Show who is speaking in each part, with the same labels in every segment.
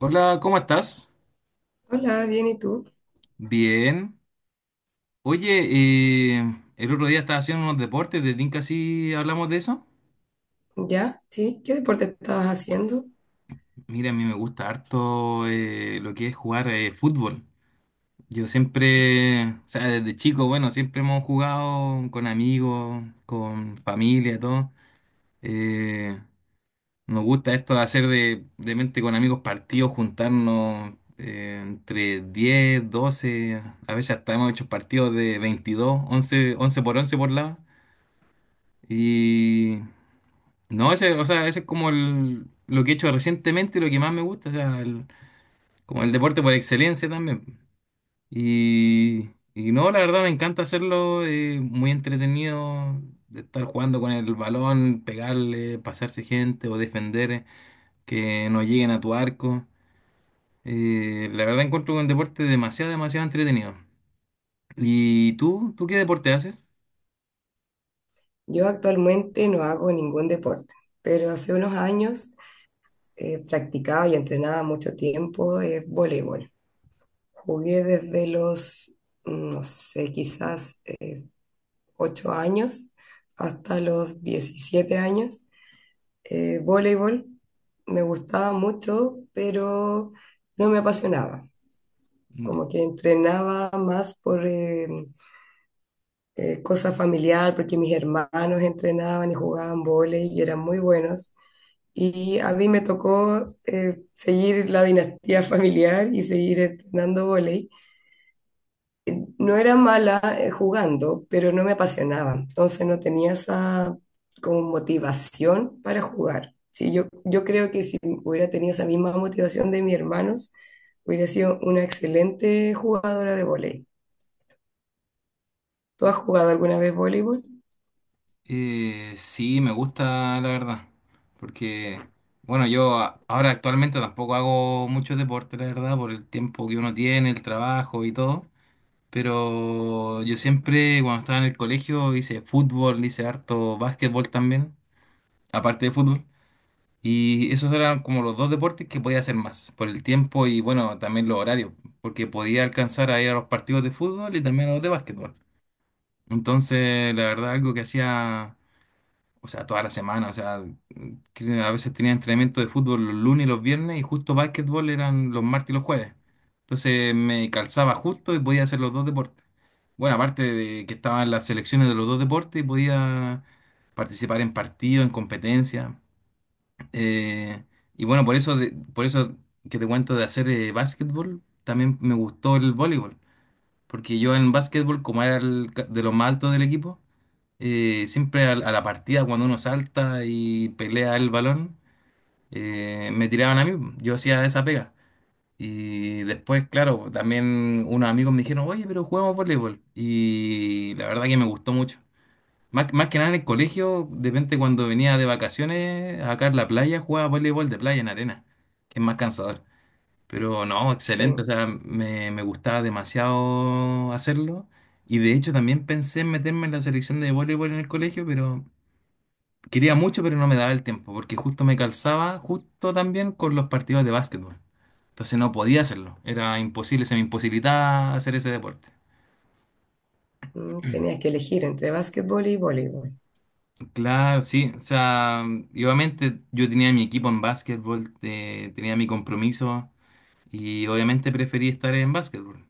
Speaker 1: Hola, ¿cómo estás?
Speaker 2: Hola, bien, ¿y tú?
Speaker 1: Bien. Oye, el otro día estaba haciendo unos deportes, ¿te tinca si hablamos de eso?
Speaker 2: ¿Ya? ¿Sí? ¿Qué deporte estabas haciendo?
Speaker 1: Mira, a mí me gusta harto lo que es jugar fútbol. Yo siempre, o sea, desde chico, bueno, siempre hemos jugado con amigos, con familia, todo. Eh, nos gusta esto de hacer de mente con amigos partidos, juntarnos entre 10, 12, a veces hasta hemos hecho partidos de 22, 11, 11 por 11 por lado. Y no, ese, o sea, ese es como el, lo que he hecho recientemente, y lo que más me gusta, o sea, como el deporte por excelencia también. Y no, la verdad me encanta hacerlo, muy entretenido, de estar jugando con el balón, pegarle, pasarse gente o defender, que no lleguen a tu arco. La verdad encuentro un deporte demasiado, demasiado entretenido. ¿Y tú? ¿Tú qué deporte haces?
Speaker 2: Yo actualmente no hago ningún deporte, pero hace unos años practicaba y entrenaba mucho tiempo voleibol. Jugué desde los, no sé, quizás 8 años hasta los 17 años. Voleibol me gustaba mucho, pero no me apasionaba. Como que entrenaba más por cosa familiar, porque mis hermanos entrenaban y jugaban vóley y eran muy buenos. Y a mí me tocó seguir la dinastía familiar y seguir entrenando vóley. No era mala jugando, pero no me apasionaba. Entonces no tenía esa como motivación para jugar. Sí, yo creo que si hubiera tenido esa misma motivación de mis hermanos, hubiera sido una excelente jugadora de vóley. ¿Tú has jugado alguna vez voleibol?
Speaker 1: Sí, me gusta, la verdad. Porque, bueno, ahora actualmente tampoco hago mucho deporte, la verdad, por el tiempo que uno tiene, el trabajo y todo. Pero yo siempre, cuando estaba en el colegio, hice fútbol, hice harto básquetbol también, aparte de fútbol. Y esos eran como los dos deportes que podía hacer más, por el tiempo y, bueno, también los horarios, porque podía alcanzar a ir a los partidos de fútbol y también a los de básquetbol. Entonces, la verdad, algo que hacía o sea, toda la semana, o sea, a veces tenía entrenamiento de fútbol los lunes y los viernes y justo básquetbol eran los martes y los jueves. Entonces me calzaba justo y podía hacer los dos deportes. Bueno, aparte de que estaban las selecciones de los dos deportes, podía participar en partidos, en competencias. Eh, y bueno, por eso, por eso que te cuento de hacer básquetbol, también me gustó el voleibol. Porque yo en básquetbol, como era de los más altos del equipo, siempre la partida, cuando uno salta y pelea el balón, me tiraban a mí. Yo hacía esa pega. Y después, claro, también unos amigos me dijeron, oye, pero juguemos voleibol. Y la verdad que me gustó mucho. Más que nada en el colegio, de repente cuando venía de vacaciones, acá en la playa, jugaba voleibol de playa en arena, que es más cansador. Pero no,
Speaker 2: Sí.
Speaker 1: excelente, o sea, me gustaba demasiado hacerlo. Y de hecho también pensé en meterme en la selección de voleibol en el colegio, pero quería mucho, pero no me daba el tiempo, porque justo me calzaba justo también con los partidos de básquetbol. Entonces no podía hacerlo, era imposible, se me imposibilitaba hacer ese deporte.
Speaker 2: Tenías que elegir entre básquetbol y voleibol.
Speaker 1: Claro, sí, o sea, y obviamente yo tenía mi equipo en básquetbol, tenía mi compromiso y obviamente preferí estar en básquetbol.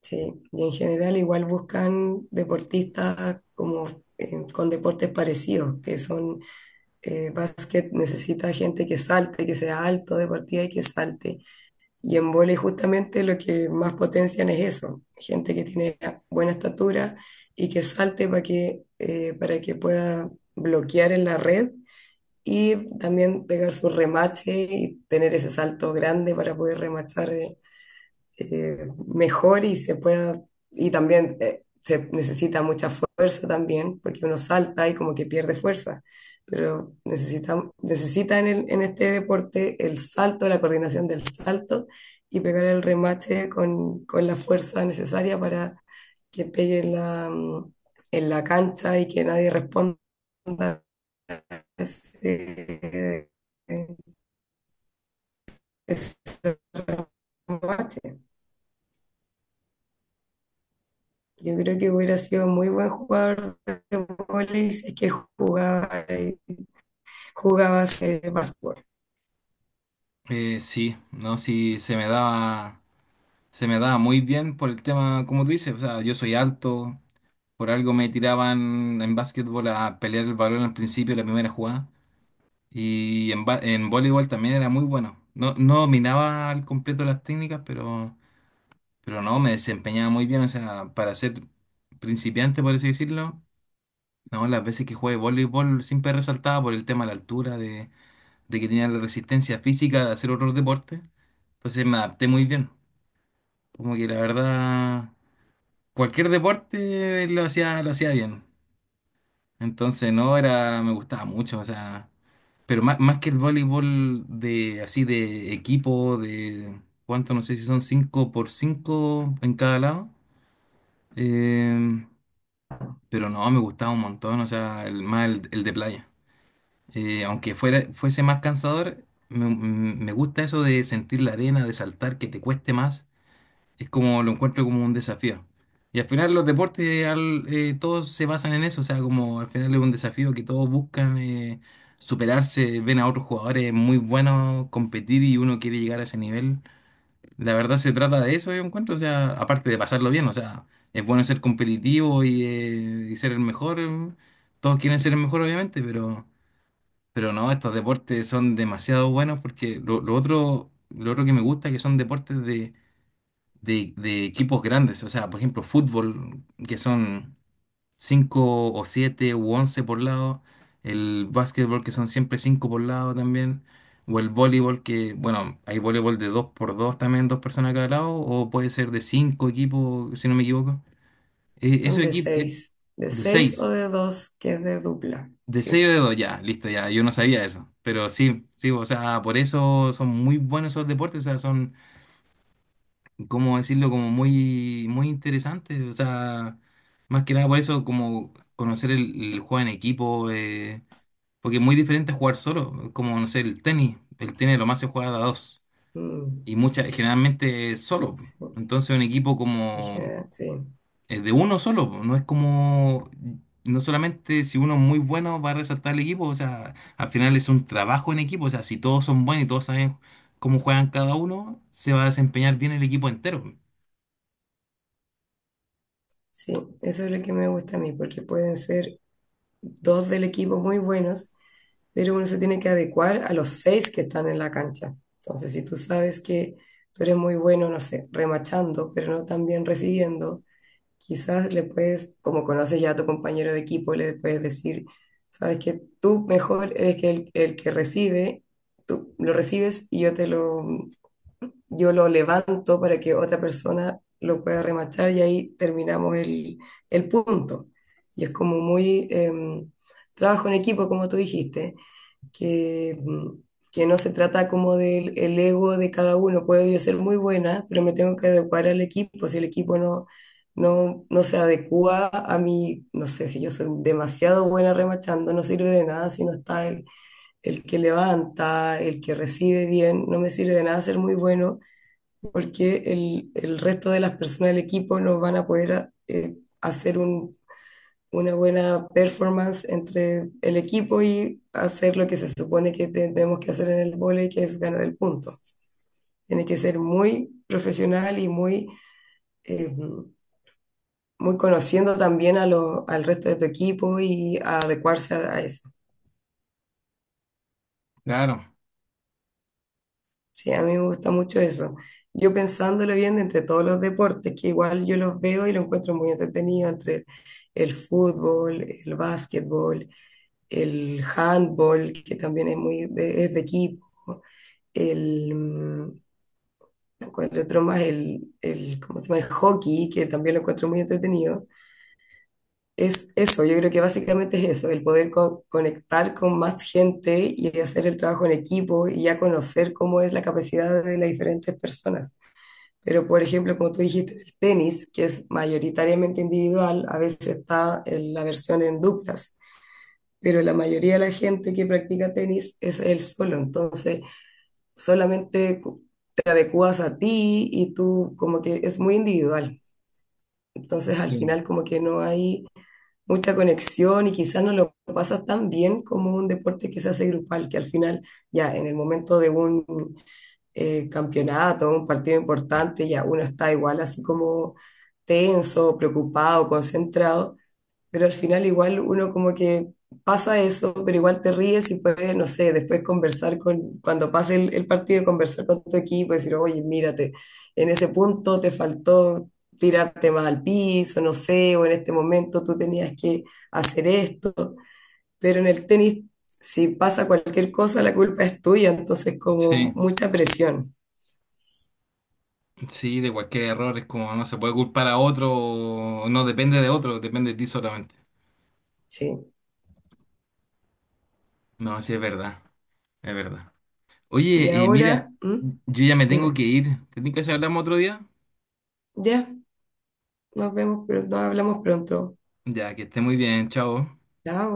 Speaker 2: Sí, y en general igual buscan deportistas como con deportes parecidos, que son básquet necesita gente que salte, que sea alto de partida y que salte. Y en vóley justamente lo que más potencian es eso, gente que tiene buena estatura y que salte para que pueda bloquear en la red y también pegar su remache y tener ese salto grande para poder remachar mejor y se pueda, y también se necesita mucha fuerza también, porque uno salta y como que pierde fuerza, pero necesita en, en este deporte el salto, la coordinación del salto y pegar el remache con la fuerza necesaria para que pegue en en la cancha y que nadie responda ese, ese remache. Yo creo que hubiera sido muy buen jugador de vóley si es que jugaba básquetbol.
Speaker 1: Sí, no, si se me daba. Se me daba muy bien por el tema, como tú dices, o sea, yo soy alto, por algo me tiraban en básquetbol a pelear el balón al principio de la primera jugada, y en voleibol también era muy bueno. No dominaba al completo las técnicas, pero no, me desempeñaba muy bien, o sea, para ser principiante, por así decirlo, no, las veces que jugué voleibol siempre resaltaba por el tema de la altura, de que tenía la resistencia física de hacer otros deportes, entonces me adapté muy bien, como que la verdad cualquier deporte lo hacía bien. Entonces, no, era, me gustaba mucho, o sea, pero más que el voleibol de, así, de equipo, de, ¿cuánto? No sé si son 5 por 5 en cada lado. Eh, pero no, me gustaba un montón, o sea, más el de playa. Aunque fuera, fuese más cansador, me gusta eso de sentir la arena, de saltar, que te cueste más. Es como lo encuentro como un desafío. Y al final los deportes todos se basan en eso, o sea, como al final es un desafío que todos buscan superarse, ven a otros jugadores muy buenos competir y uno quiere llegar a ese nivel. La verdad se trata de eso, yo encuentro, o sea, aparte de pasarlo bien, o sea, es bueno ser competitivo y ser el mejor. Todos quieren ser el mejor, obviamente, pero no, estos deportes son demasiado buenos porque lo otro que me gusta es que son deportes de de equipos grandes, o sea, por ejemplo, fútbol, que son 5 o 7 u 11 por lado, el básquetbol, que son siempre 5 por lado también, o el voleibol, que, bueno, hay voleibol de 2 por 2 también, dos personas cada lado, o puede ser de 5 equipos, si no me equivoco.
Speaker 2: Son
Speaker 1: Esos
Speaker 2: de
Speaker 1: equipos,
Speaker 2: seis. De
Speaker 1: de
Speaker 2: seis o
Speaker 1: 6
Speaker 2: de dos, que es de dupla.
Speaker 1: de 6 o
Speaker 2: Sí.
Speaker 1: de 2 ya, listo, ya, yo no sabía eso, pero sí, sí, o sea, por eso son muy buenos esos deportes, o sea, son ¿cómo decirlo? Como muy, muy interesante. O sea, más que nada por eso, como conocer el juego en equipo, porque es muy diferente a jugar solo. Como, no sé, el tenis. El tenis lo más se juega de a dos.
Speaker 2: Mm,
Speaker 1: Y muchas, generalmente solo.
Speaker 2: sí.
Speaker 1: Entonces un equipo
Speaker 2: En
Speaker 1: como
Speaker 2: general, sí.
Speaker 1: es de uno solo. Po, no es como, no solamente si uno es muy bueno va a resaltar el equipo. O sea, al final es un trabajo en equipo. O sea, si todos son buenos y todos saben cómo juegan cada uno, se va a desempeñar bien el equipo entero.
Speaker 2: Sí. Eso es lo que me gusta a mí, porque pueden ser dos del equipo muy buenos, pero uno se tiene que adecuar a los seis que están en la cancha. Entonces, si tú sabes que tú eres muy bueno, no sé, remachando, pero no tan bien recibiendo. Quizás le puedes, como conoces ya a tu compañero de equipo, le puedes decir, sabes que tú mejor eres que el que recibe, tú lo recibes y yo lo levanto para que otra persona lo pueda remachar y ahí terminamos el punto. Y es como muy trabajo en equipo, como tú dijiste que, mm, que no se trata como del el ego de cada uno. Puedo yo ser muy buena, pero me tengo que adecuar al equipo. Si el equipo no se adecua a mí, no sé, si yo soy demasiado buena remachando, no sirve de nada si no está el que levanta, el que recibe bien. No me sirve de nada ser muy bueno porque el resto de las personas del equipo no van a poder hacer un una buena performance entre el equipo y hacer lo que se supone que tenemos que hacer en el vóley, que es ganar el punto. Tiene que ser muy profesional y eh, muy conociendo también a al resto de tu equipo y a adecuarse a eso.
Speaker 1: Claro.
Speaker 2: Sí, a mí me gusta mucho eso. Yo pensándolo bien de entre todos los deportes, que igual yo los veo y lo encuentro muy entretenido entre el fútbol, el básquetbol, el handball, que también es es de equipo, el, mm, ¿cuál otro más? ¿Cómo se llama? El hockey, que también lo encuentro muy entretenido. Es eso, yo creo que básicamente es eso, el poder conectar con más gente y hacer el trabajo en equipo y ya conocer cómo es la capacidad de las diferentes personas. Pero, por ejemplo, como tú dijiste, el tenis, que es mayoritariamente individual, a veces está en la versión en duplas, pero la mayoría de la gente que practica tenis es él solo, entonces solamente te adecuas a ti y tú como que es muy individual, entonces al
Speaker 1: Sí,
Speaker 2: final como que no hay mucha conexión y quizás no lo pasas tan bien como un deporte que se hace grupal, que al final ya en el momento de un campeonato, un partido importante, ya uno está igual así como tenso, preocupado, concentrado, pero al final igual uno como que pasa eso, pero igual te ríes y puedes, no sé, después conversar cuando pase el partido, conversar con tu equipo y decir, oye, mírate, en ese punto te faltó tirarte más al piso, no sé, o en este momento tú tenías que hacer esto, pero en el tenis, si pasa cualquier cosa, la culpa es tuya, entonces como
Speaker 1: sí,
Speaker 2: mucha presión,
Speaker 1: sí, de cualquier error es como no se puede culpar a otro, o no depende de otro, depende de ti solamente.
Speaker 2: sí.
Speaker 1: No, sí, es verdad, es verdad.
Speaker 2: Y
Speaker 1: Oye,
Speaker 2: ahora,
Speaker 1: mira,
Speaker 2: ¿Mm?
Speaker 1: yo ya me tengo
Speaker 2: Dime,
Speaker 1: que ir. ¿Te que si hablamos otro día?
Speaker 2: ya, nos vemos, pero nos hablamos pronto.
Speaker 1: Ya, que esté muy bien, chao.
Speaker 2: Chao.